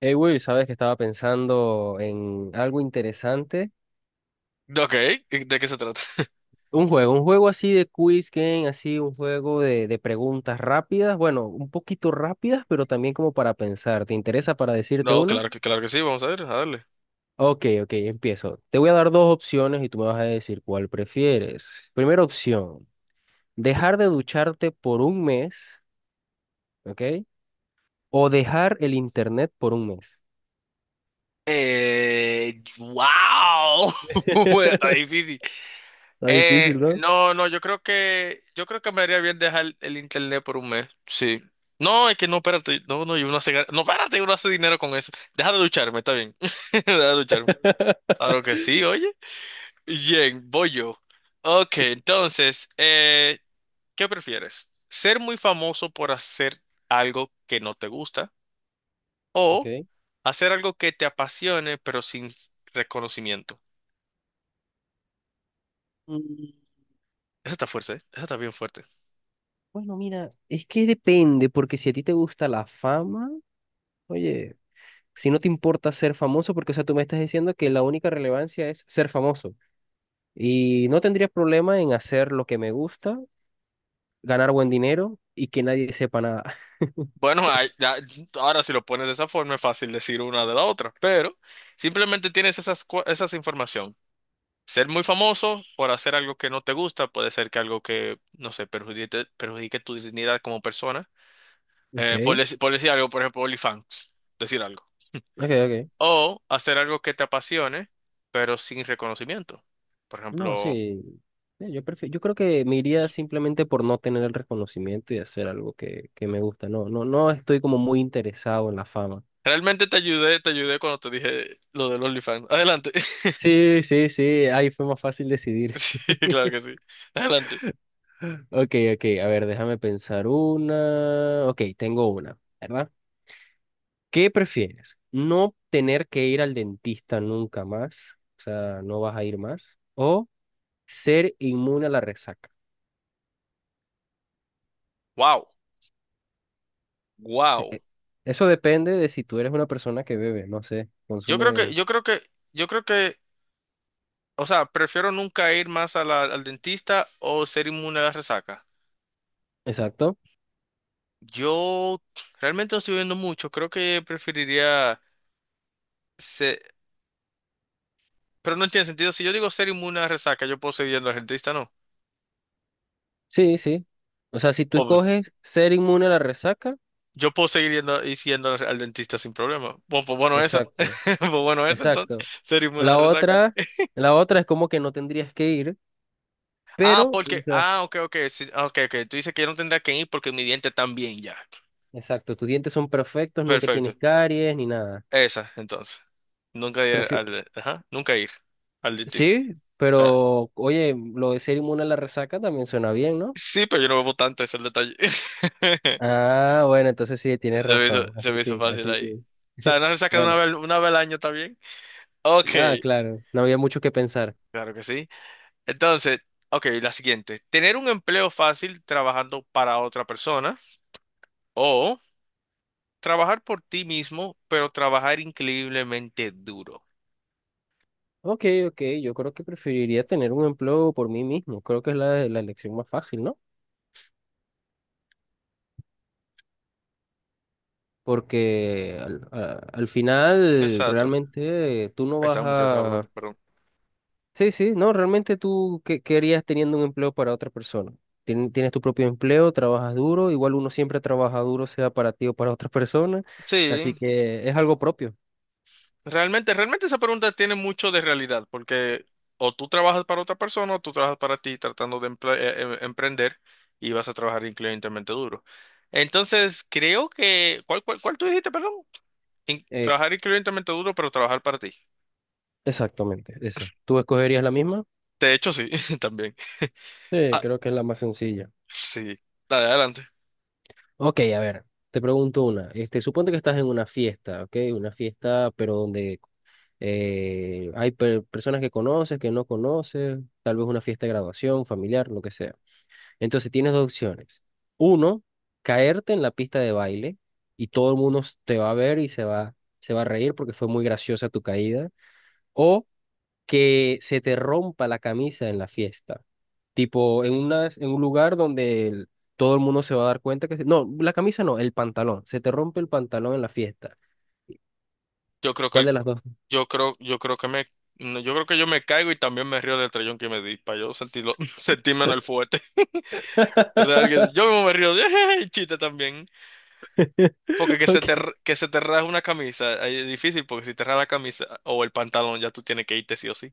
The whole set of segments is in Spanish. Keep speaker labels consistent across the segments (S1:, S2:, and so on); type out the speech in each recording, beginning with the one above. S1: Hey Will, sabes que estaba pensando en algo interesante.
S2: Ok, ¿de qué se trata?
S1: Un juego así de quiz game, así un juego de preguntas rápidas. Bueno, un poquito rápidas, pero también como para pensar. ¿Te interesa para decirte
S2: No,
S1: una?
S2: claro que sí, vamos a ver, a darle.
S1: Ok, ok, empiezo. Te voy a dar dos opciones y tú me vas a decir cuál prefieres. Primera opción, dejar de ducharte por un mes, ¿ok? O dejar el internet por un mes.
S2: Wow, bueno, está difícil.
S1: Está difícil, ¿no?
S2: No, no, yo creo que me haría bien dejar el internet por 1 mes, sí. No, es que no, espérate, no, no, y uno hace, no, espérate, uno hace dinero con eso. Deja de lucharme, está bien, deja de lucharme. Claro que sí, oye. Bien, voy yo. Ok, entonces, ¿qué prefieres? ¿Ser muy famoso por hacer algo que no te gusta? O
S1: Ok.
S2: hacer algo que te apasione, pero sin reconocimiento.
S1: Mm.
S2: Esa está fuerte, ¿eh? Esa está bien fuerte.
S1: Bueno, mira, es que depende, porque si a ti te gusta la fama, oye, si no te importa ser famoso, porque, o sea, tú me estás diciendo que la única relevancia es ser famoso. Y no tendría problema en hacer lo que me gusta, ganar buen dinero y que nadie sepa nada.
S2: Bueno, ay, ahora si lo pones de esa forma es fácil decir una de la otra, pero simplemente tienes esas, esas información. Ser muy famoso por hacer algo que no te gusta, puede ser que algo que, no sé, perjudique, perjudique tu dignidad como persona.
S1: Ok,
S2: Por decir algo, por ejemplo, OnlyFans, decir algo.
S1: ok, ok.
S2: O hacer algo que te apasione, pero sin reconocimiento. Por
S1: No,
S2: ejemplo,
S1: sí. Sí, yo creo que me iría simplemente por no tener el reconocimiento y hacer algo que me gusta. No, no, no estoy como muy interesado en la fama.
S2: realmente te ayudé cuando te dije lo del OnlyFans. Adelante.
S1: Sí, sí, sí, ahí fue más fácil decidir.
S2: Sí, claro que sí. Adelante.
S1: Ok, ok, a ver, déjame pensar una. Ok, tengo una, ¿verdad? ¿Qué prefieres? ¿No tener que ir al dentista nunca más? O sea, no vas a ir más. ¿O ser inmune a la resaca?
S2: Wow,
S1: Eh,
S2: wow.
S1: eh, Eso depende de si tú eres una persona que bebe, no sé,
S2: Yo creo que,
S1: consume.
S2: yo creo que, yo creo que, o sea, prefiero nunca ir más a al dentista o ser inmune a la resaca.
S1: Exacto.
S2: Yo realmente no estoy viendo mucho. Creo que preferiría ser, pero no tiene sentido. Si yo digo ser inmune a la resaca, yo puedo seguir yendo al dentista, ¿no?
S1: Sí, sí. O sea, si tú
S2: O
S1: escoges ser inmune a la resaca,
S2: yo puedo seguir yendo y siendo al dentista sin problema. Bueno, pues bueno esa.
S1: exacto,
S2: Pues bueno esa entonces.
S1: exacto.
S2: Ser
S1: O
S2: inmune a la
S1: la
S2: resaca.
S1: otra, la otra es como que no tendrías que ir,
S2: Ah,
S1: pero
S2: porque, ah, ok, ok, sí, ok, ok. Tú dices que yo no tendría que ir porque mi diente también ya.
S1: exacto, tus dientes son perfectos, nunca
S2: Perfecto.
S1: tienes caries ni nada.
S2: Esa, entonces. Nunca ir
S1: Prefi-
S2: al, ajá, nunca ir al dentista.
S1: sí,
S2: Ah,
S1: pero oye, lo de ser inmune a la resaca también suena bien, ¿no?
S2: sí, pero yo no bebo tanto, ese es el detalle.
S1: Ah, bueno, entonces sí, tienes razón.
S2: Se
S1: Así
S2: me hizo
S1: sí,
S2: fácil
S1: así
S2: ahí. O
S1: sí.
S2: sea, no se saca una
S1: Bueno,
S2: vez, 1 vez al año, ¿está bien? Ok,
S1: ah, claro, no había mucho que pensar.
S2: claro que sí. Entonces, ok, la siguiente. Tener un empleo fácil trabajando para otra persona o trabajar por ti mismo, pero trabajar increíblemente duro.
S1: Ok, ok, yo creo que preferiría tener un empleo por mí mismo. Creo que es la elección más fácil, ¿no? Porque al, al final
S2: Exacto.
S1: realmente tú no
S2: Ahí
S1: vas
S2: estábamos, ya estaba hablando,
S1: a...
S2: perdón.
S1: Sí, sí, no, realmente tú, ¿qué, qué harías teniendo un empleo para otra persona? Tienes tu propio empleo, trabajas duro, igual uno siempre trabaja duro, sea para ti o para otra persona, así
S2: Sí,
S1: que es algo propio.
S2: realmente, realmente esa pregunta tiene mucho de realidad, porque o tú trabajas para otra persona o tú trabajas para ti tratando de emprender y vas a trabajar increíblemente duro. Entonces, creo que, ¿cuál, cuál, cuál tú dijiste, perdón?
S1: Eh,
S2: Trabajar increíblemente duro, pero trabajar para ti.
S1: exactamente, esa. ¿Tú escogerías la misma?
S2: De hecho, sí, también.
S1: Sí,
S2: Ah,
S1: creo que es la más sencilla.
S2: sí, dale, adelante.
S1: Ok, a ver, te pregunto una. Este, suponte que estás en una fiesta, ¿ok? Una fiesta, pero donde hay personas que conoces, que no conoces, tal vez una fiesta de graduación, familiar, lo que sea. Entonces tienes dos opciones. Uno, caerte en la pista de baile y todo el mundo te va a ver y se va a reír porque fue muy graciosa tu caída. O que se te rompa la camisa en la fiesta. Tipo, en una, en un lugar donde todo el mundo se va a dar cuenta que... no, la camisa no, el pantalón. Se te rompe el pantalón en la fiesta.
S2: Yo creo que,
S1: ¿Cuál de las dos?
S2: yo creo que me, no, yo creo que yo me caigo y también me río del trellón que me di, para yo sentirlo, sentirme en el fuerte. Real que yo mismo me río, chiste también. Porque que se
S1: Ok,
S2: te, que se te raje una camisa, ahí es difícil, porque si te raja la camisa o el pantalón, ya tú tienes que irte sí o sí.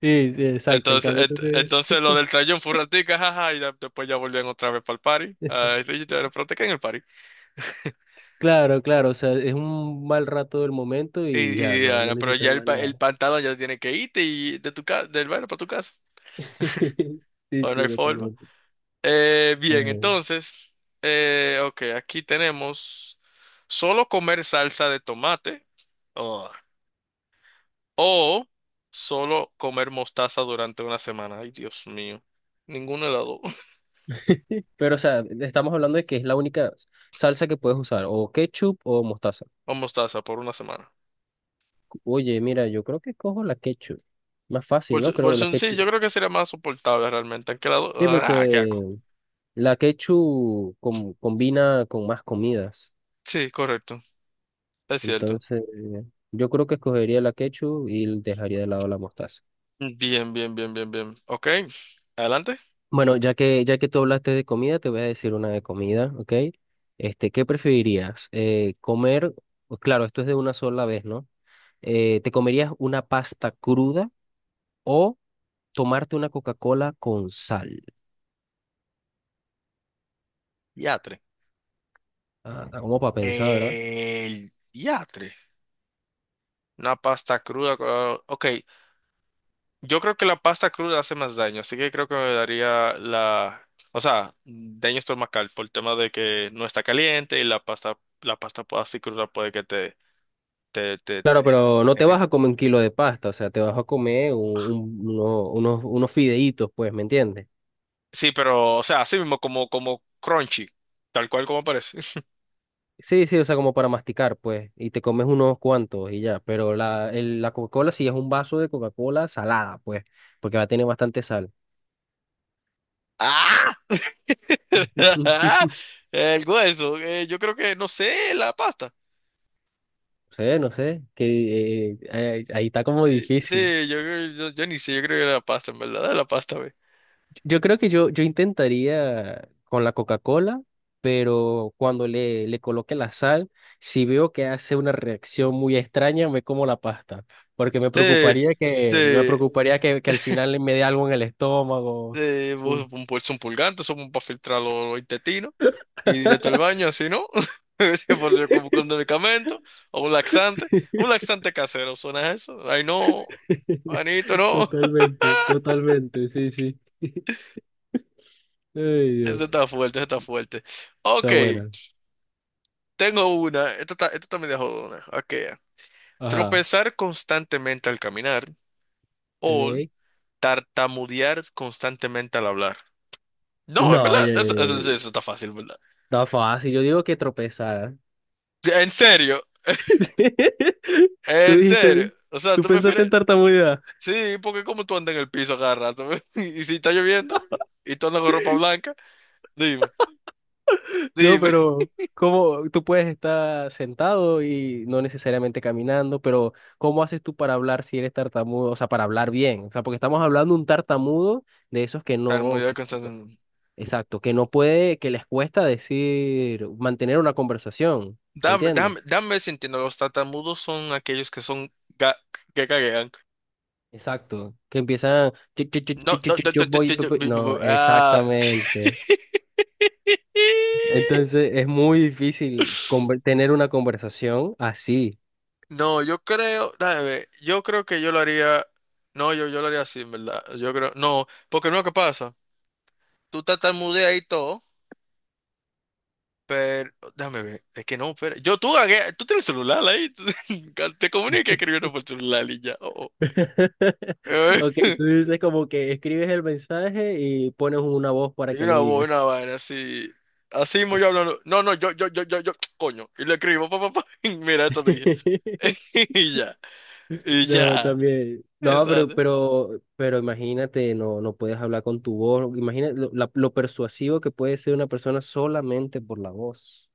S1: sí, sí, exacto. En
S2: Entonces,
S1: cambio, tú te...
S2: entonces lo del trayón fue un ratico, jaja, y después ya volvían otra vez para el party. Ah, Richie te en el party.
S1: Claro, claro, o sea, es un mal rato del momento y ya,
S2: Y
S1: no, no
S2: Diana, pero
S1: necesitas
S2: ya el,
S1: más nada.
S2: el pantalón ya tiene que irte y de tu casa del baile para tu casa.
S1: Sí,
S2: Bueno, no
S1: sí,
S2: hay forma.
S1: totalmente.
S2: Bien,
S1: Eh,
S2: entonces, ok, aquí tenemos solo comer salsa de tomate. Oh, o solo comer mostaza durante 1 semana. Ay, Dios mío. Ninguno de las dos.
S1: pero, o sea, estamos hablando de que es la única salsa que puedes usar, o ketchup o mostaza.
S2: O mostaza por 1 semana.
S1: Oye, mira, yo creo que cojo la ketchup. Más fácil,
S2: Por,
S1: ¿no? Creo la
S2: sí, yo
S1: ketchup.
S2: creo que sería más soportable realmente. Aunque
S1: Sí,
S2: ah, qué
S1: porque
S2: asco.
S1: la ketchup combina con más comidas.
S2: Sí, correcto. Es cierto.
S1: Entonces, yo creo que escogería la ketchup y dejaría de lado la mostaza.
S2: Bien, bien, bien, bien, bien. Ok. Adelante.
S1: Bueno, ya que tú hablaste de comida, te voy a decir una de comida, ¿ok? Este, ¿qué preferirías? Comer, pues claro, esto es de una sola vez, ¿no? ¿Te comerías una pasta cruda o tomarte una Coca-Cola con sal?
S2: Diatre.
S1: Ah, está como para pensar, ¿verdad?
S2: El diatre. Una pasta cruda. Ok. Yo creo que la pasta cruda hace más daño, así que creo que me daría la, o sea, daño estomacal por el tema de que no está caliente y la pasta, la así cruda puede que te, te, te,
S1: Claro,
S2: te-
S1: pero no te vas a comer un kilo de pasta, o sea, te vas a comer unos fideitos, pues, ¿me entiendes?
S2: Sí, pero, o sea, así mismo como, como crunchy, tal cual como parece.
S1: Sí, sí, o sea, como para masticar, pues, y te comes unos cuantos y ya, pero la, la Coca-Cola sí es un vaso de Coca-Cola salada, pues, porque va a tener bastante sal.
S2: ¡Ah! El hueso, yo creo que, no sé, la pasta.
S1: No sé, no sé, que ahí está como
S2: Sí,
S1: difícil.
S2: sí, yo ni sé, yo creo que la pasta, en verdad, la pasta, ve.
S1: Yo creo que yo intentaría con la Coca-Cola, pero cuando le coloque la sal, si veo que hace una reacción muy extraña, me como la pasta, porque
S2: Sí,
S1: me
S2: sí.
S1: preocuparía que al final me dé algo en el estómago. Uh.
S2: Vos un pulso un pulgar, eso para filtrar los intestinos y directo al baño, así no. Ese por si como con medicamento o un laxante casero, ¿suena eso? Ay, no, Anito, no.
S1: Totalmente, totalmente, sí, sí. Ay, Dios,
S2: Ese está fuerte, ese está fuerte. Ok,
S1: está buena.
S2: tengo una, esta está media jodona. Ok,
S1: Ajá.
S2: tropezar constantemente al caminar o
S1: Ok.
S2: tartamudear constantemente al hablar. No, en
S1: No,
S2: verdad,
S1: ya,
S2: eso
S1: ya,
S2: está fácil, ¿verdad?
S1: está fácil. Yo digo que tropezar.
S2: Sí, en serio,
S1: Tú
S2: en
S1: dijiste,
S2: serio. O sea,
S1: tú
S2: tú
S1: pensaste en
S2: prefieres.
S1: tartamudea.
S2: Sí, porque como tú andas en el piso cada rato, y si está lloviendo, y tú andas con ropa blanca, dime,
S1: No,
S2: dime.
S1: pero ¿cómo tú puedes estar sentado y no necesariamente caminando? Pero ¿cómo haces tú para hablar si eres tartamudo? O sea, para hablar bien. O sea, porque estamos hablando de un tartamudo de esos que no...
S2: Tartamudeo constantemente.
S1: Exacto, que no puede, que les cuesta decir, mantener una conversación, ¿me
S2: Dame,
S1: entiendes?
S2: dame, dame sintiendo, los tartamudos son aquellos que son ga- que caguean.
S1: Exacto, que empiezan, "Chi, chi, chi,
S2: No,
S1: chi,
S2: no,
S1: chi,
S2: no,
S1: chi, yo
S2: no, no,
S1: voy,
S2: no,
S1: pe,
S2: no,
S1: pe".
S2: no,
S1: No,
S2: no, ah.
S1: exactamente. Entonces es muy difícil tener una conversación así.
S2: No, yo creo, dame, ver, yo creo que yo lo haría, no, yo lo haría así, en verdad, yo creo, no, porque no, ¿qué pasa? Tú tartamudeas y todo. Pero, déjame ver, es que no, pero, yo tú, tú tienes celular ahí, tú- te comunicas escribiendo por celular y ya. Oh, oh. Eh,
S1: Ok, tú dices como que escribes el mensaje y pones una voz para
S2: y
S1: que lo
S2: una voz,
S1: diga.
S2: una vaina así, así mismo yo hablando, no, no, yo, coño, y le escribo, papá, pa, pa, pa, y mira, esto te dije, y ya, y
S1: No,
S2: ya,
S1: también. No,
S2: exacto,
S1: pero imagínate, no, no puedes hablar con tu voz. Imagínate lo, lo persuasivo que puede ser una persona solamente por la voz.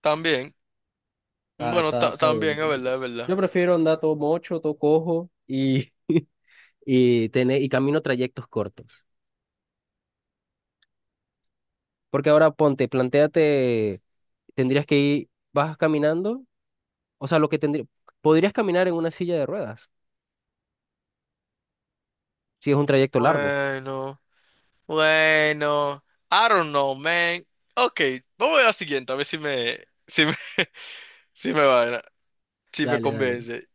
S2: también,
S1: Está,
S2: bueno,
S1: está, está duro.
S2: también, es verdad, es verdad.
S1: Yo prefiero andar todo mocho, todo cojo y, y tener, y camino trayectos cortos. Porque ahora ponte, plantéate, tendrías que ir, vas caminando, o sea, lo que tendría, podrías caminar en una silla de ruedas, si es un trayecto largo.
S2: Bueno, bueno, I don't know, man. Ok, vamos a la siguiente, a ver si me, si me, si me va, si me
S1: Dale, dale.
S2: convence.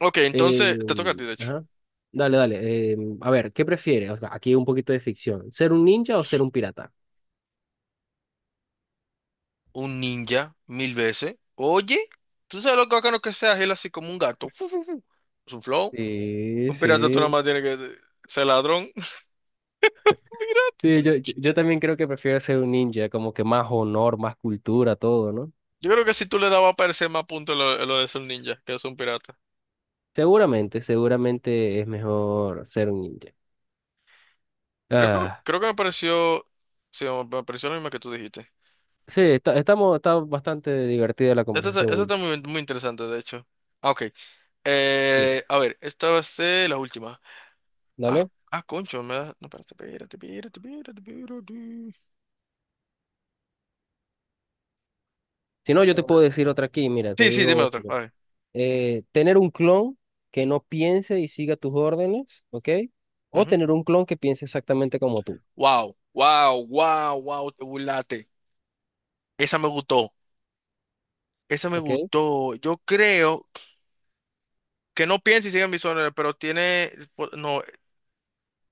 S2: Ok,
S1: Eh,
S2: entonces te toca a ti, de hecho.
S1: ajá. Dale, dale. Eh, a ver, ¿qué prefieres? O sea, aquí un poquito de ficción. ¿Ser un ninja o ser un pirata?
S2: Un ninja, mil veces. Oye, tú sabes lo bacano que sea él así como un gato. Fu, fu, fu. Es un flow.
S1: Sí,
S2: Un pirata tú nada
S1: sí.
S2: más tienes que ser ladrón.
S1: Sí, yo también creo que prefiero ser un ninja, como que más honor, más cultura, todo, ¿no?
S2: Yo creo que si tú le dabas a parecer más puntos lo de ser un ninja que es un pirata.
S1: Seguramente, seguramente es mejor ser un ninja.
S2: Creo que,
S1: Ah,
S2: creo que me pareció. Sí, me pareció lo mismo que tú dijiste.
S1: sí, está, estamos, está bastante divertida la conversación,
S2: Esto
S1: Will.
S2: está muy, muy interesante, de hecho. Ah, ok.
S1: Sí.
S2: A ver, esta va a ser la última. Ah,
S1: Dale.
S2: ah, concho, no, espérate, espérate, espérate, espérate, espérate.
S1: Si no, yo te puedo decir otra aquí, mira, te
S2: Sí, sí, dime
S1: digo.
S2: otro. A ver.
S1: Eh, tener un clon que no piense y siga tus órdenes, ¿ok? O
S2: Ujú.
S1: tener un clon que piense exactamente como tú,
S2: Wow, wow, wow, wow, te burlaste. Esa me gustó. Esa me
S1: ¿ok?
S2: gustó. Yo creo que no piense y siga mis órdenes, pero tiene. Pues, no,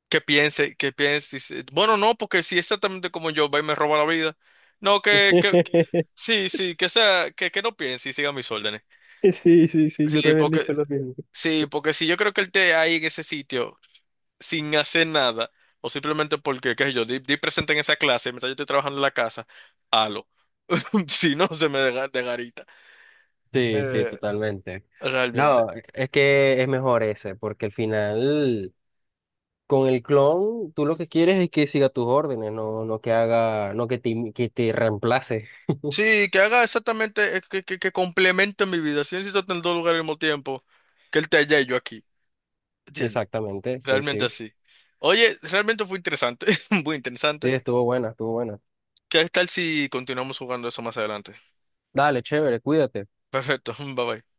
S2: que piense, que piense. Bueno, no, porque si es exactamente como yo va y me roba la vida. No, sí, sí, que sea, que no piense y siga mis órdenes.
S1: Sí, sí, sí, yo
S2: Sí,
S1: también
S2: porque,
S1: digo lo mismo.
S2: sí, porque si yo creo que él esté ahí en ese sitio, sin hacer nada, o simplemente porque, qué sé yo, di, di presente en esa clase mientras yo estoy trabajando en la casa, halo. Si no, se me deja de garita.
S1: Sí, sí,
S2: Eh,
S1: totalmente.
S2: realmente.
S1: No, es que es mejor ese, porque al final con el clon tú lo que quieres es que siga tus órdenes, no, no que haga, no im- que te reemplace.
S2: Sí, que haga exactamente, que complemente mi vida. Si necesito estar en 2 lugares al mismo tiempo, que él esté allá y yo aquí. ¿Entiendes?
S1: Exactamente, sí,
S2: Realmente
S1: sí.
S2: así. Oye, realmente fue interesante, muy
S1: Sí,
S2: interesante.
S1: estuvo buena, estuvo buena.
S2: ¿Qué tal si continuamos jugando eso más adelante?
S1: Dale, chévere, cuídate.
S2: Perfecto, bye bye.